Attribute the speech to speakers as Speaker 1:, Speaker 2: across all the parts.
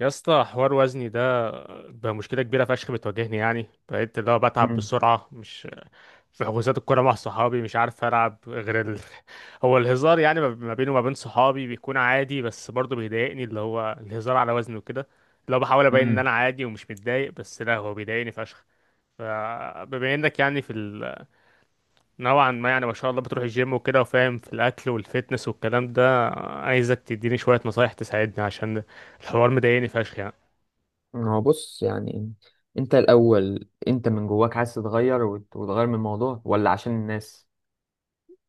Speaker 1: يا اسطى، حوار وزني ده بقى مشكله كبيره فشخ بتواجهني. يعني بقيت اللي هو بتعب
Speaker 2: مم.
Speaker 1: بسرعه، مش في حجوزات الكوره مع صحابي، مش عارف العب غير هو الهزار يعني ما بيني وما بين صحابي بيكون عادي، بس برضه بيضايقني اللي هو الهزار على وزني وكده. اللي هو بحاول ابين ان
Speaker 2: مم.
Speaker 1: انا عادي ومش متضايق، بس لا، هو بيضايقني فشخ. فبما انك يعني نوعا ما، يعني ما شاء الله، بتروح الجيم وكده، وفاهم في الاكل والفتنس والكلام ده، عايزك تديني شويه نصايح تساعدني عشان الحوار مضايقني فشخ يعني.
Speaker 2: هو بص، يعني انت الاول، انت من جواك عايز تتغير وتغير من الموضوع ولا عشان الناس؟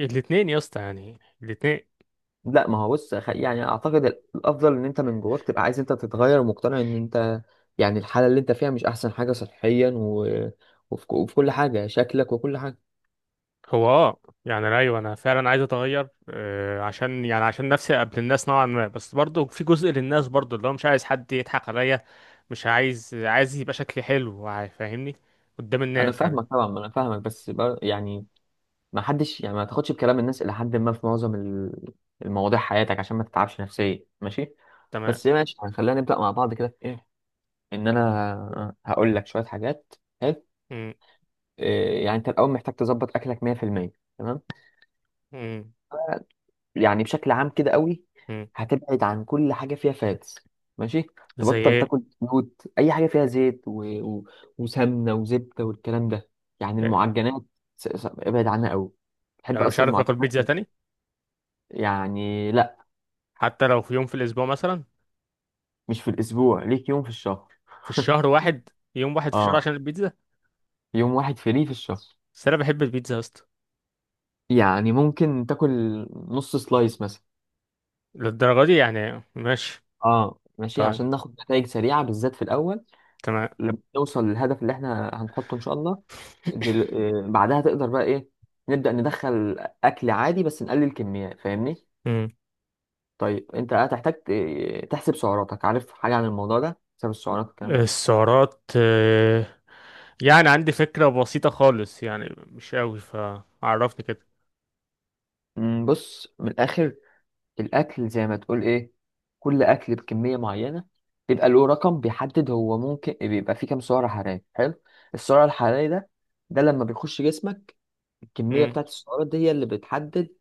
Speaker 1: الاتنين يا اسطى، يعني الاتنين.
Speaker 2: لا، ما هو بص، يعني اعتقد الافضل ان انت من جواك تبقى عايز انت تتغير ومقتنع ان انت، يعني الحالة اللي انت فيها مش احسن حاجة صحيا وفي كل حاجة، شكلك وكل حاجة.
Speaker 1: هو اه يعني ايوه، انا فعلا عايز اتغير، عشان يعني عشان نفسي قبل الناس نوعا ما، بس برضو في جزء للناس برضو اللي هو مش عايز حد يضحك عليا. مش عايز يبقى شكلي حلو فاهمني؟ قدام
Speaker 2: انا
Speaker 1: الناس يعني.
Speaker 2: فاهمك طبعا، ما انا فاهمك، بس يعني ما حدش، يعني ما تاخدش بكلام الناس الى حد ما في معظم المواضيع حياتك، عشان ما تتعبش نفسيا، ماشي؟
Speaker 1: تمام.
Speaker 2: بس ماشي، يعني خلينا نبدأ مع بعض كده. ان انا هقول لك شويه حاجات، حلو؟
Speaker 1: م-
Speaker 2: إيه، يعني انت الاول محتاج تظبط اكلك 100%. تمام؟
Speaker 1: م-
Speaker 2: يعني بشكل عام كده قوي،
Speaker 1: م.
Speaker 2: هتبعد عن كل حاجه فيها فاتس، ماشي؟
Speaker 1: زي
Speaker 2: تبطل
Speaker 1: ايه؟
Speaker 2: تاكل زيوت، اي حاجه فيها زيت وسمنه وزبده والكلام ده، يعني المعجنات، ابعد عنها قوي. تحب
Speaker 1: يعني مش
Speaker 2: اصلا
Speaker 1: عارف اكل
Speaker 2: المعجنات؟
Speaker 1: بيتزا تاني؟
Speaker 2: يعني لا،
Speaker 1: حتى لو في يوم في الاسبوع مثلا.
Speaker 2: مش في الاسبوع، ليك يوم في الشهر
Speaker 1: في الشهر واحد، يوم واحد في الشهر
Speaker 2: اه،
Speaker 1: عشان البيتزا،
Speaker 2: يوم واحد فري في الشهر،
Speaker 1: بس انا بحب البيتزا يا اسطى.
Speaker 2: يعني ممكن تاكل نص سلايس مثلا.
Speaker 1: للدرجه دي يعني؟ ماشي.
Speaker 2: اه ماشي،
Speaker 1: طيب.
Speaker 2: عشان ناخد نتائج سريعة بالذات في الأول.
Speaker 1: تمام.
Speaker 2: لما نوصل للهدف اللي احنا هنحطه إن شاء الله، دل... بعدها تقدر بقى إيه، نبدأ ندخل أكل عادي بس نقلل كميات، فاهمني؟ طيب، أنت هتحتاج تحسب سعراتك. عارف حاجة عن الموضوع ده؟ حساب السعرات والكلام ده؟
Speaker 1: السعرات آه، يعني عندي فكرة بسيطة خالص يعني، مش قوي، فعرفني كده.
Speaker 2: بص من الآخر، الاكل زي ما تقول ايه، كل اكل بكميه معينه بيبقى له رقم بيحدد هو ممكن بيبقى فيه كام سعره حراريه، حلو؟ السعر الحراري ده، لما بيخش جسمك الكميه
Speaker 1: امم.
Speaker 2: بتاعت السعرات دي، هي اللي بتحدد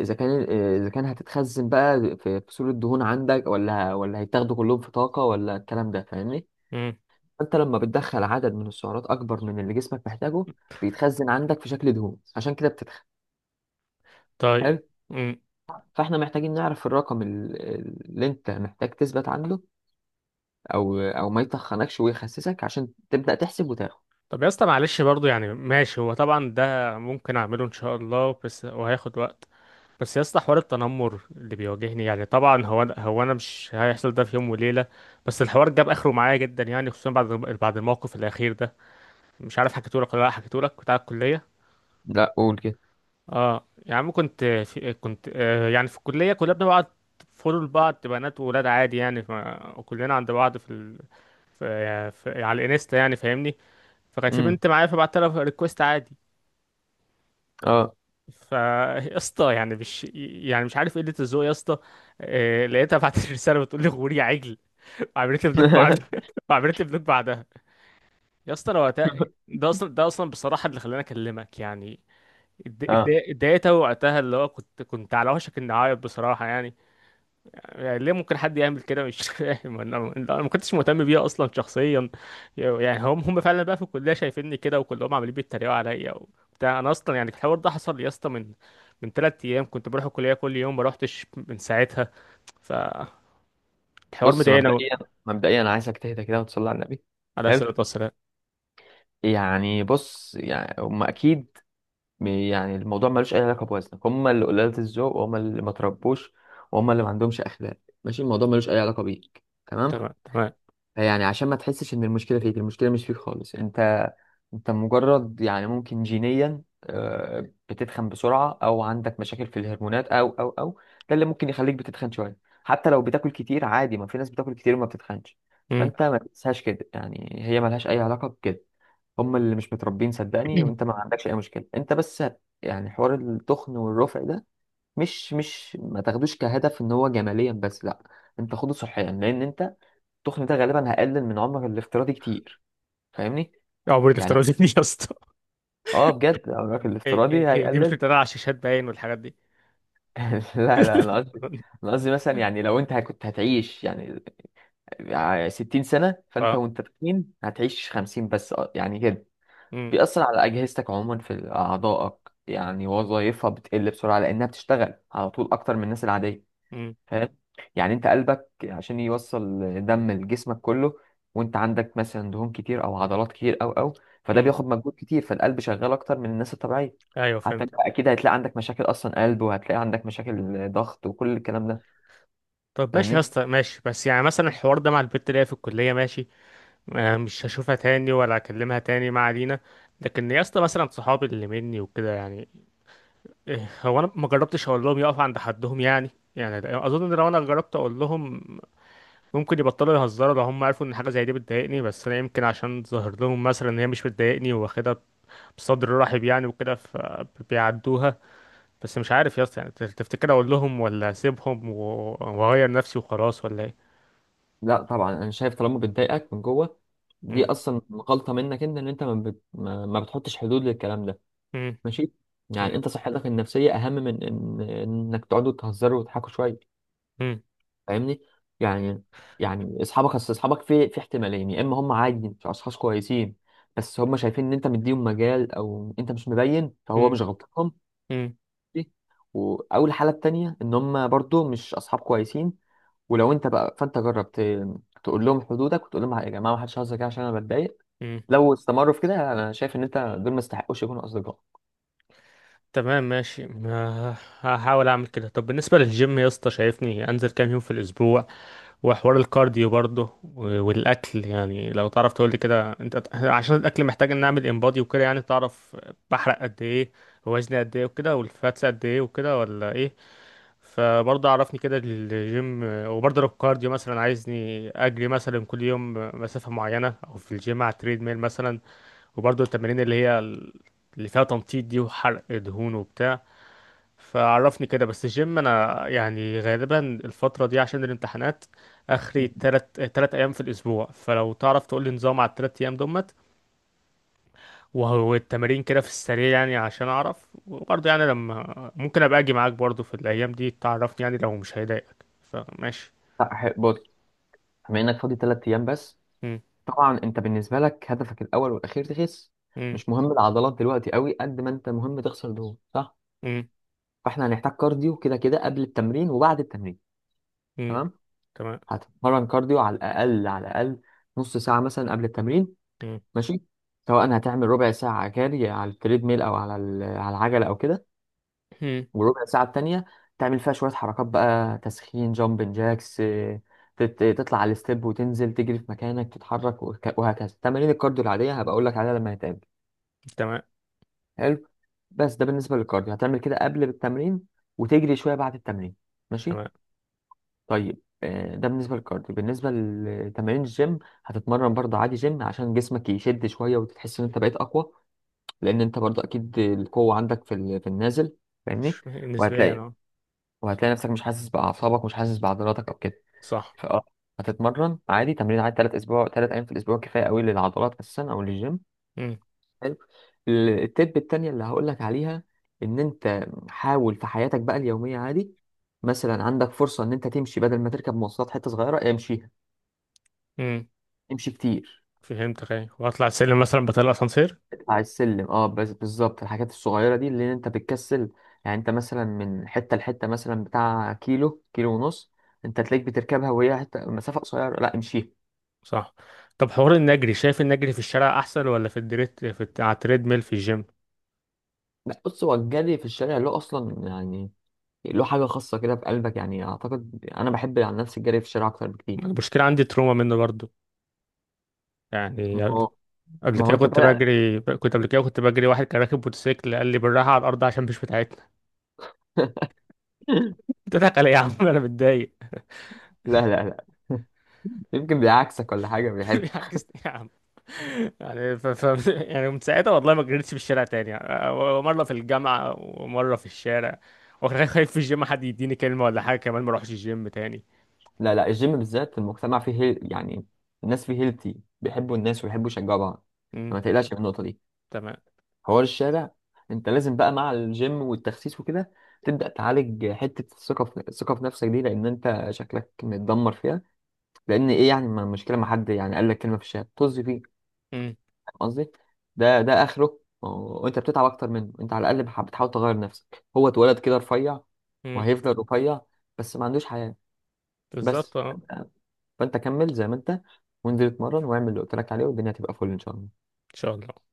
Speaker 2: اذا كان اذا كان هتتخزن بقى في صورة دهون عندك، ولا هيتاخدوا كلهم في طاقه، ولا الكلام ده، فاهمني؟
Speaker 1: امم.
Speaker 2: فانت لما بتدخل عدد من السعرات اكبر من اللي جسمك محتاجه، بيتخزن عندك في شكل دهون، عشان كده بتتخن،
Speaker 1: طيب.
Speaker 2: حلو؟
Speaker 1: امم.
Speaker 2: فاحنا محتاجين نعرف الرقم اللي انت محتاج تثبت عنده، او ما يطخنكش ويخسسك، عشان تبدأ تحسب وتاخد.
Speaker 1: طب يا اسطى، معلش، برضو يعني ماشي، هو طبعا ده ممكن اعمله ان شاء الله بس وهياخد وقت. بس يا اسطى، حوار التنمر اللي بيواجهني، يعني طبعا هو انا مش هيحصل ده في يوم وليلة. بس الحوار جاب اخره معايا جدا، يعني خصوصا بعد الموقف الاخير ده. مش عارف حكيتهولك ولا لا حكيتهولك بتاع الكلية.
Speaker 2: لا، قول كده.
Speaker 1: اه يا عم، كنت في الكلية كلنا بنبعت فولو لبعض، بنات وولاد عادي يعني. وكلنا عند بعض في على الانستا يعني، فاهمني؟ فكان في
Speaker 2: امم.
Speaker 1: بنت معايا، فبعت لها ريكوست عادي.
Speaker 2: اه.
Speaker 1: فا يا اسطى، يعني مش عارف قلة الذوق يا اسطى. لقيتها بعت لي رسالة بتقول لي: غوري يا عجل، وعملت لي بلوك بعدها. وعملت لي بلوك بعدها. يا اسطى انا وقتها، ده اصلا بصراحة اللي خلاني اكلمك يعني.
Speaker 2: اه
Speaker 1: اتضايقت أوي وقتها، اللي هو كنت على وشك اني اعيط بصراحة يعني. يعني ليه ممكن حد يعمل كده؟ مش فاهم، انا ما كنتش مهتم بيها اصلا شخصيا. يعني هم فعلا بقى في الكليه شايفيني كده، وكلهم عمالين بيتريقوا عليا وبتاع. انا اصلا يعني الحوار ده حصل لي اصلا من 3 ايام، كنت بروح الكليه كل يوم، ما روحتش من ساعتها. فالحوار
Speaker 2: بص
Speaker 1: مضايقني قوي.
Speaker 2: مبدئيا انا عايزك تهدى كده وتصلي على النبي.
Speaker 1: على الصلاه
Speaker 2: حلو.
Speaker 1: والسلام.
Speaker 2: يعني بص، يعني هم اكيد، يعني الموضوع ملوش اي علاقه بوزنك، هم اللي قلالة الذوق وهم اللي ما تربوش وهم اللي ما عندهمش اخلاق، ماشي؟ الموضوع ملوش اي علاقه بيك، تمام؟
Speaker 1: تمام. تمام.
Speaker 2: يعني عشان ما تحسش ان المشكله فيك، المشكله مش فيك خالص انت انت مجرد، يعني ممكن جينيا بتتخن بسرعه، او عندك مشاكل في الهرمونات او، ده اللي ممكن يخليك بتتخن شويه. حتى لو بتاكل كتير عادي، ما في ناس بتاكل كتير وما بتتخنش.
Speaker 1: امم.
Speaker 2: فانت ما تنساش كده، يعني هي ملهاش اي علاقه بكده، هم اللي مش متربين صدقني، وانت ما عندكش اي مشكله انت، بس. يعني حوار التخن والرفع ده، مش ما تاخدوش كهدف ان هو جماليا بس، لا، انت خده صحيا، لان انت التخن ده غالبا هيقلل من عمرك الافتراضي كتير، فاهمني؟
Speaker 1: عمري
Speaker 2: يعني
Speaker 1: الافتراضي دي؟ يا اسطى!
Speaker 2: اه بجد، عمرك
Speaker 1: ايه
Speaker 2: الافتراضي
Speaker 1: ايه ايه، دي مش
Speaker 2: هيقلل.
Speaker 1: بتتريق على الشاشات باين والحاجات دي؟
Speaker 2: لا لا، انا قصدي، مثلا يعني لو انت كنت هتعيش يعني 60 سنة، فانت
Speaker 1: اه.
Speaker 2: وانت تخين هتعيش 50 بس، يعني كده.
Speaker 1: امم.
Speaker 2: بيأثر على أجهزتك عموما، في أعضائك يعني وظائفها بتقل بسرعة، لأنها بتشتغل على طول أكتر من الناس العادية،
Speaker 1: امم.
Speaker 2: فاهم؟ يعني انت قلبك عشان يوصل دم لجسمك كله، وانت عندك مثلا دهون كتير او عضلات كتير او، فده
Speaker 1: امم.
Speaker 2: بياخد مجهود كتير، فالقلب شغال اكتر من الناس الطبيعيه.
Speaker 1: ايوه،
Speaker 2: حتى
Speaker 1: فهمت.
Speaker 2: انت اكيد هتلاقي عندك مشاكل اصلا قلب، وهتلاقي عندك مشاكل ضغط وكل الكلام ده،
Speaker 1: طب ماشي يا
Speaker 2: فاهمني؟
Speaker 1: اسطى، ماشي. بس يعني مثلا الحوار ده مع البت اللي هي في الكلية، ماشي، آه، مش هشوفها تاني ولا اكلمها تاني، ما علينا. لكن يا اسطى، مثلا صحابي اللي مني وكده يعني، إيه، هو انا ما جربتش اقول لهم يقفوا عند حدهم يعني. يعني اظن ان لو انا جربت اقول لهم، ممكن يبطلوا يهزروا لو هم عرفوا ان حاجة زي دي بتضايقني. بس انا يمكن عشان ظاهر لهم مثلا ان هي مش بتضايقني، واخدها بصدر رحب يعني وكده، فبيعدوها. بس مش عارف يا اسطى، يعني تفتكر اقول لهم ولا اسيبهم واغير نفسي وخلاص، ولا ايه؟
Speaker 2: لا طبعا، انا شايف طالما بتضايقك من جوه، دي اصلا غلطه منك انت، ان انت ما بتحطش حدود للكلام ده،
Speaker 1: مم.
Speaker 2: ماشي؟ يعني
Speaker 1: مم.
Speaker 2: انت صحتك النفسيه اهم من ان انك تقعدوا تهزروا وتضحكوا شويه،
Speaker 1: مم.
Speaker 2: فاهمني؟ يعني، يعني اصل اصحابك في احتمالين، يا اما هم عادي مش اشخاص كويسين بس هم شايفين ان انت مديهم مجال، او انت مش مبين فهو
Speaker 1: مم.
Speaker 2: مش غلطهم
Speaker 1: مم.
Speaker 2: دي، او الحاله التانيه ان هم برضو مش اصحاب كويسين. ولو انت بقى، فانت جربت تقول لهم حدودك، وتقول لهم يا جماعه ما حدش هزر كده عشان انا بتضايق،
Speaker 1: مم.
Speaker 2: لو استمروا في كده، انا شايف ان انت دول ما يستحقوش يكونوا اصدقاء.
Speaker 1: تمام. ماشي. هحاول اعمل كده. طب بالنسبه للجيم يا اسطى، شايفني انزل كام يوم في الاسبوع؟ وحوار الكارديو برضه والاكل، يعني لو تعرف تقول لي كده انت، عشان الاكل محتاج ان اعمل امبادي وكده، يعني تعرف بحرق قد ايه، وزني قد ايه وكده، والفاتس قد ايه وكده، ولا ايه؟ فبرضه عرفني كده الجيم. وبرضه لو الكارديو مثلا عايزني اجري مثلا كل يوم مسافه معينه، او في الجيم على التريد ميل مثلا. وبرضه التمارين اللي هي اللي فيها تنطيط دي، وحرق دهون وبتاع. فعرفني كده. بس الجيم انا يعني غالبا الفترة دي عشان الامتحانات اخري تلت ايام في الاسبوع، فلو تعرف تقول لي نظام على ال3 ايام دمت. وهو التمارين كده في السريع يعني عشان اعرف. وبرضه يعني لما ممكن ابقى اجي معاك برضه في الايام دي، تعرفني يعني، لو مش هيضايقك فماشي.
Speaker 2: لا، بص، بما انك فاضي 3 ايام بس،
Speaker 1: مم.
Speaker 2: طبعا انت بالنسبه لك هدفك الاول والاخير تخس.
Speaker 1: مم.
Speaker 2: مش مهم العضلات دلوقتي قوي قد ما انت مهم تخسر دهون، صح؟
Speaker 1: مم.
Speaker 2: فاحنا هنحتاج كارديو كده كده، قبل التمرين وبعد التمرين،
Speaker 1: مم.
Speaker 2: تمام؟
Speaker 1: تمام.
Speaker 2: هتتمرن كارديو على الاقل على الاقل نص ساعه مثلا قبل التمرين،
Speaker 1: مم.
Speaker 2: ماشي؟ سواء هتعمل ربع ساعه جري على التريد ميل، او على على العجله، او كده.
Speaker 1: مم.
Speaker 2: والربع ساعه التانيه تعمل فيها شويه حركات بقى، تسخين جامبن جاكس، تطلع على الستيب وتنزل، تجري في مكانك، تتحرك وهكذا. تمارين الكارديو العاديه هبقى اقول لك عليها لما نتقابل.
Speaker 1: تمام.
Speaker 2: حلو. بس ده بالنسبه للكارديو، هتعمل كده قبل التمرين وتجري شويه بعد التمرين، ماشي؟
Speaker 1: تمام.
Speaker 2: طيب ده بالنسبه للكارديو. بالنسبه لتمارين الجيم، هتتمرن برضه عادي جيم عشان جسمك يشد شويه وتحس ان انت بقيت اقوى، لان انت برضه اكيد القوه عندك في في النازل، فاهمني؟
Speaker 1: نسبيا
Speaker 2: وهتلاقي
Speaker 1: اه.
Speaker 2: وهتلاقي نفسك مش حاسس باعصابك، مش حاسس بعضلاتك او كده.
Speaker 1: صح.
Speaker 2: فاه هتتمرن عادي تمرين عادي 3 ايام في الاسبوع، كفايه قوي للعضلات اساسا او للجيم.
Speaker 1: مم.
Speaker 2: حلو. التب التانية اللي هقولك عليها، ان انت حاول في حياتك بقى اليومية عادي. مثلا عندك فرصة ان انت تمشي بدل ما تركب مواصلات، حتة صغيرة امشيها.
Speaker 1: مم.
Speaker 2: امشي كتير.
Speaker 1: فهمتك. ايه، واطلع السلم مثلا، بطلع اسانسير.
Speaker 2: اطلع السلم، اه بس بالظبط الحاجات الصغيرة دي اللي انت بتكسل. يعني انت مثلا من حتة لحتة، مثلا بتاع كيلو كيلو ونص، انت تلاقيك بتركبها وهي حتة مسافة قصيرة، لا امشيها.
Speaker 1: صح. طب حوار النجري، شايف النجري في الشارع احسن ولا في الدريت على التريد ميل في الجيم؟
Speaker 2: لا بص، هو الجري في الشارع له اصلا يعني، له حاجة خاصة كده في قلبك، يعني اعتقد انا بحب عن نفسي الجري في الشارع اكتر بكتير.
Speaker 1: انا مشكله عندي تروما منه برضو يعني.
Speaker 2: ما هو انت بقى.
Speaker 1: قبل كده كنت بجري، واحد كان راكب موتوسيكل قال لي: بالراحه على الارض عشان مش بتاعتنا. بتضحك علي إيه يا عم؟ انا متضايق.
Speaker 2: لا لا لا، يمكن بيعكسك ولا حاجة بيحب.
Speaker 1: عكست يا عم. يعني يعني من ساعتها والله ما جريتش في الشارع تاني يعني. مره في الجامعه ومره في الشارع. وخايف في الجيم حد يديني كلمه ولا حاجه كمان، ما اروحش الجيم تاني.
Speaker 2: لا لا، الجيم بالذات المجتمع فيه يعني الناس فيه هيلتي بيحبوا الناس ويحبوا يشجعوا بعض،
Speaker 1: امم.
Speaker 2: فما تقلقش من النقطة دي.
Speaker 1: تمام.
Speaker 2: حوار الشارع، انت لازم بقى مع الجيم والتخسيس وكده تبدأ تعالج حتة الثقة في نفسك دي، لأن أنت شكلك متدمر فيها. لأن إيه يعني، ما المشكلة ما حد يعني قال لك كلمة في الشارع، طز فيه.
Speaker 1: مم.
Speaker 2: قصدي ده اخره، وانت بتتعب اكتر منه، انت على الاقل بتحاول تغير نفسك، هو اتولد كده رفيع
Speaker 1: مم.
Speaker 2: وهيفضل رفيع، بس ما عندوش حياة.
Speaker 1: بالظبط
Speaker 2: بس
Speaker 1: اه.
Speaker 2: فانت كمل زي ما انت، وانزل اتمرن واعمل اللي قلت لك عليه، والدنيا هتبقى فل ان شاء الله.
Speaker 1: ان شاء الله.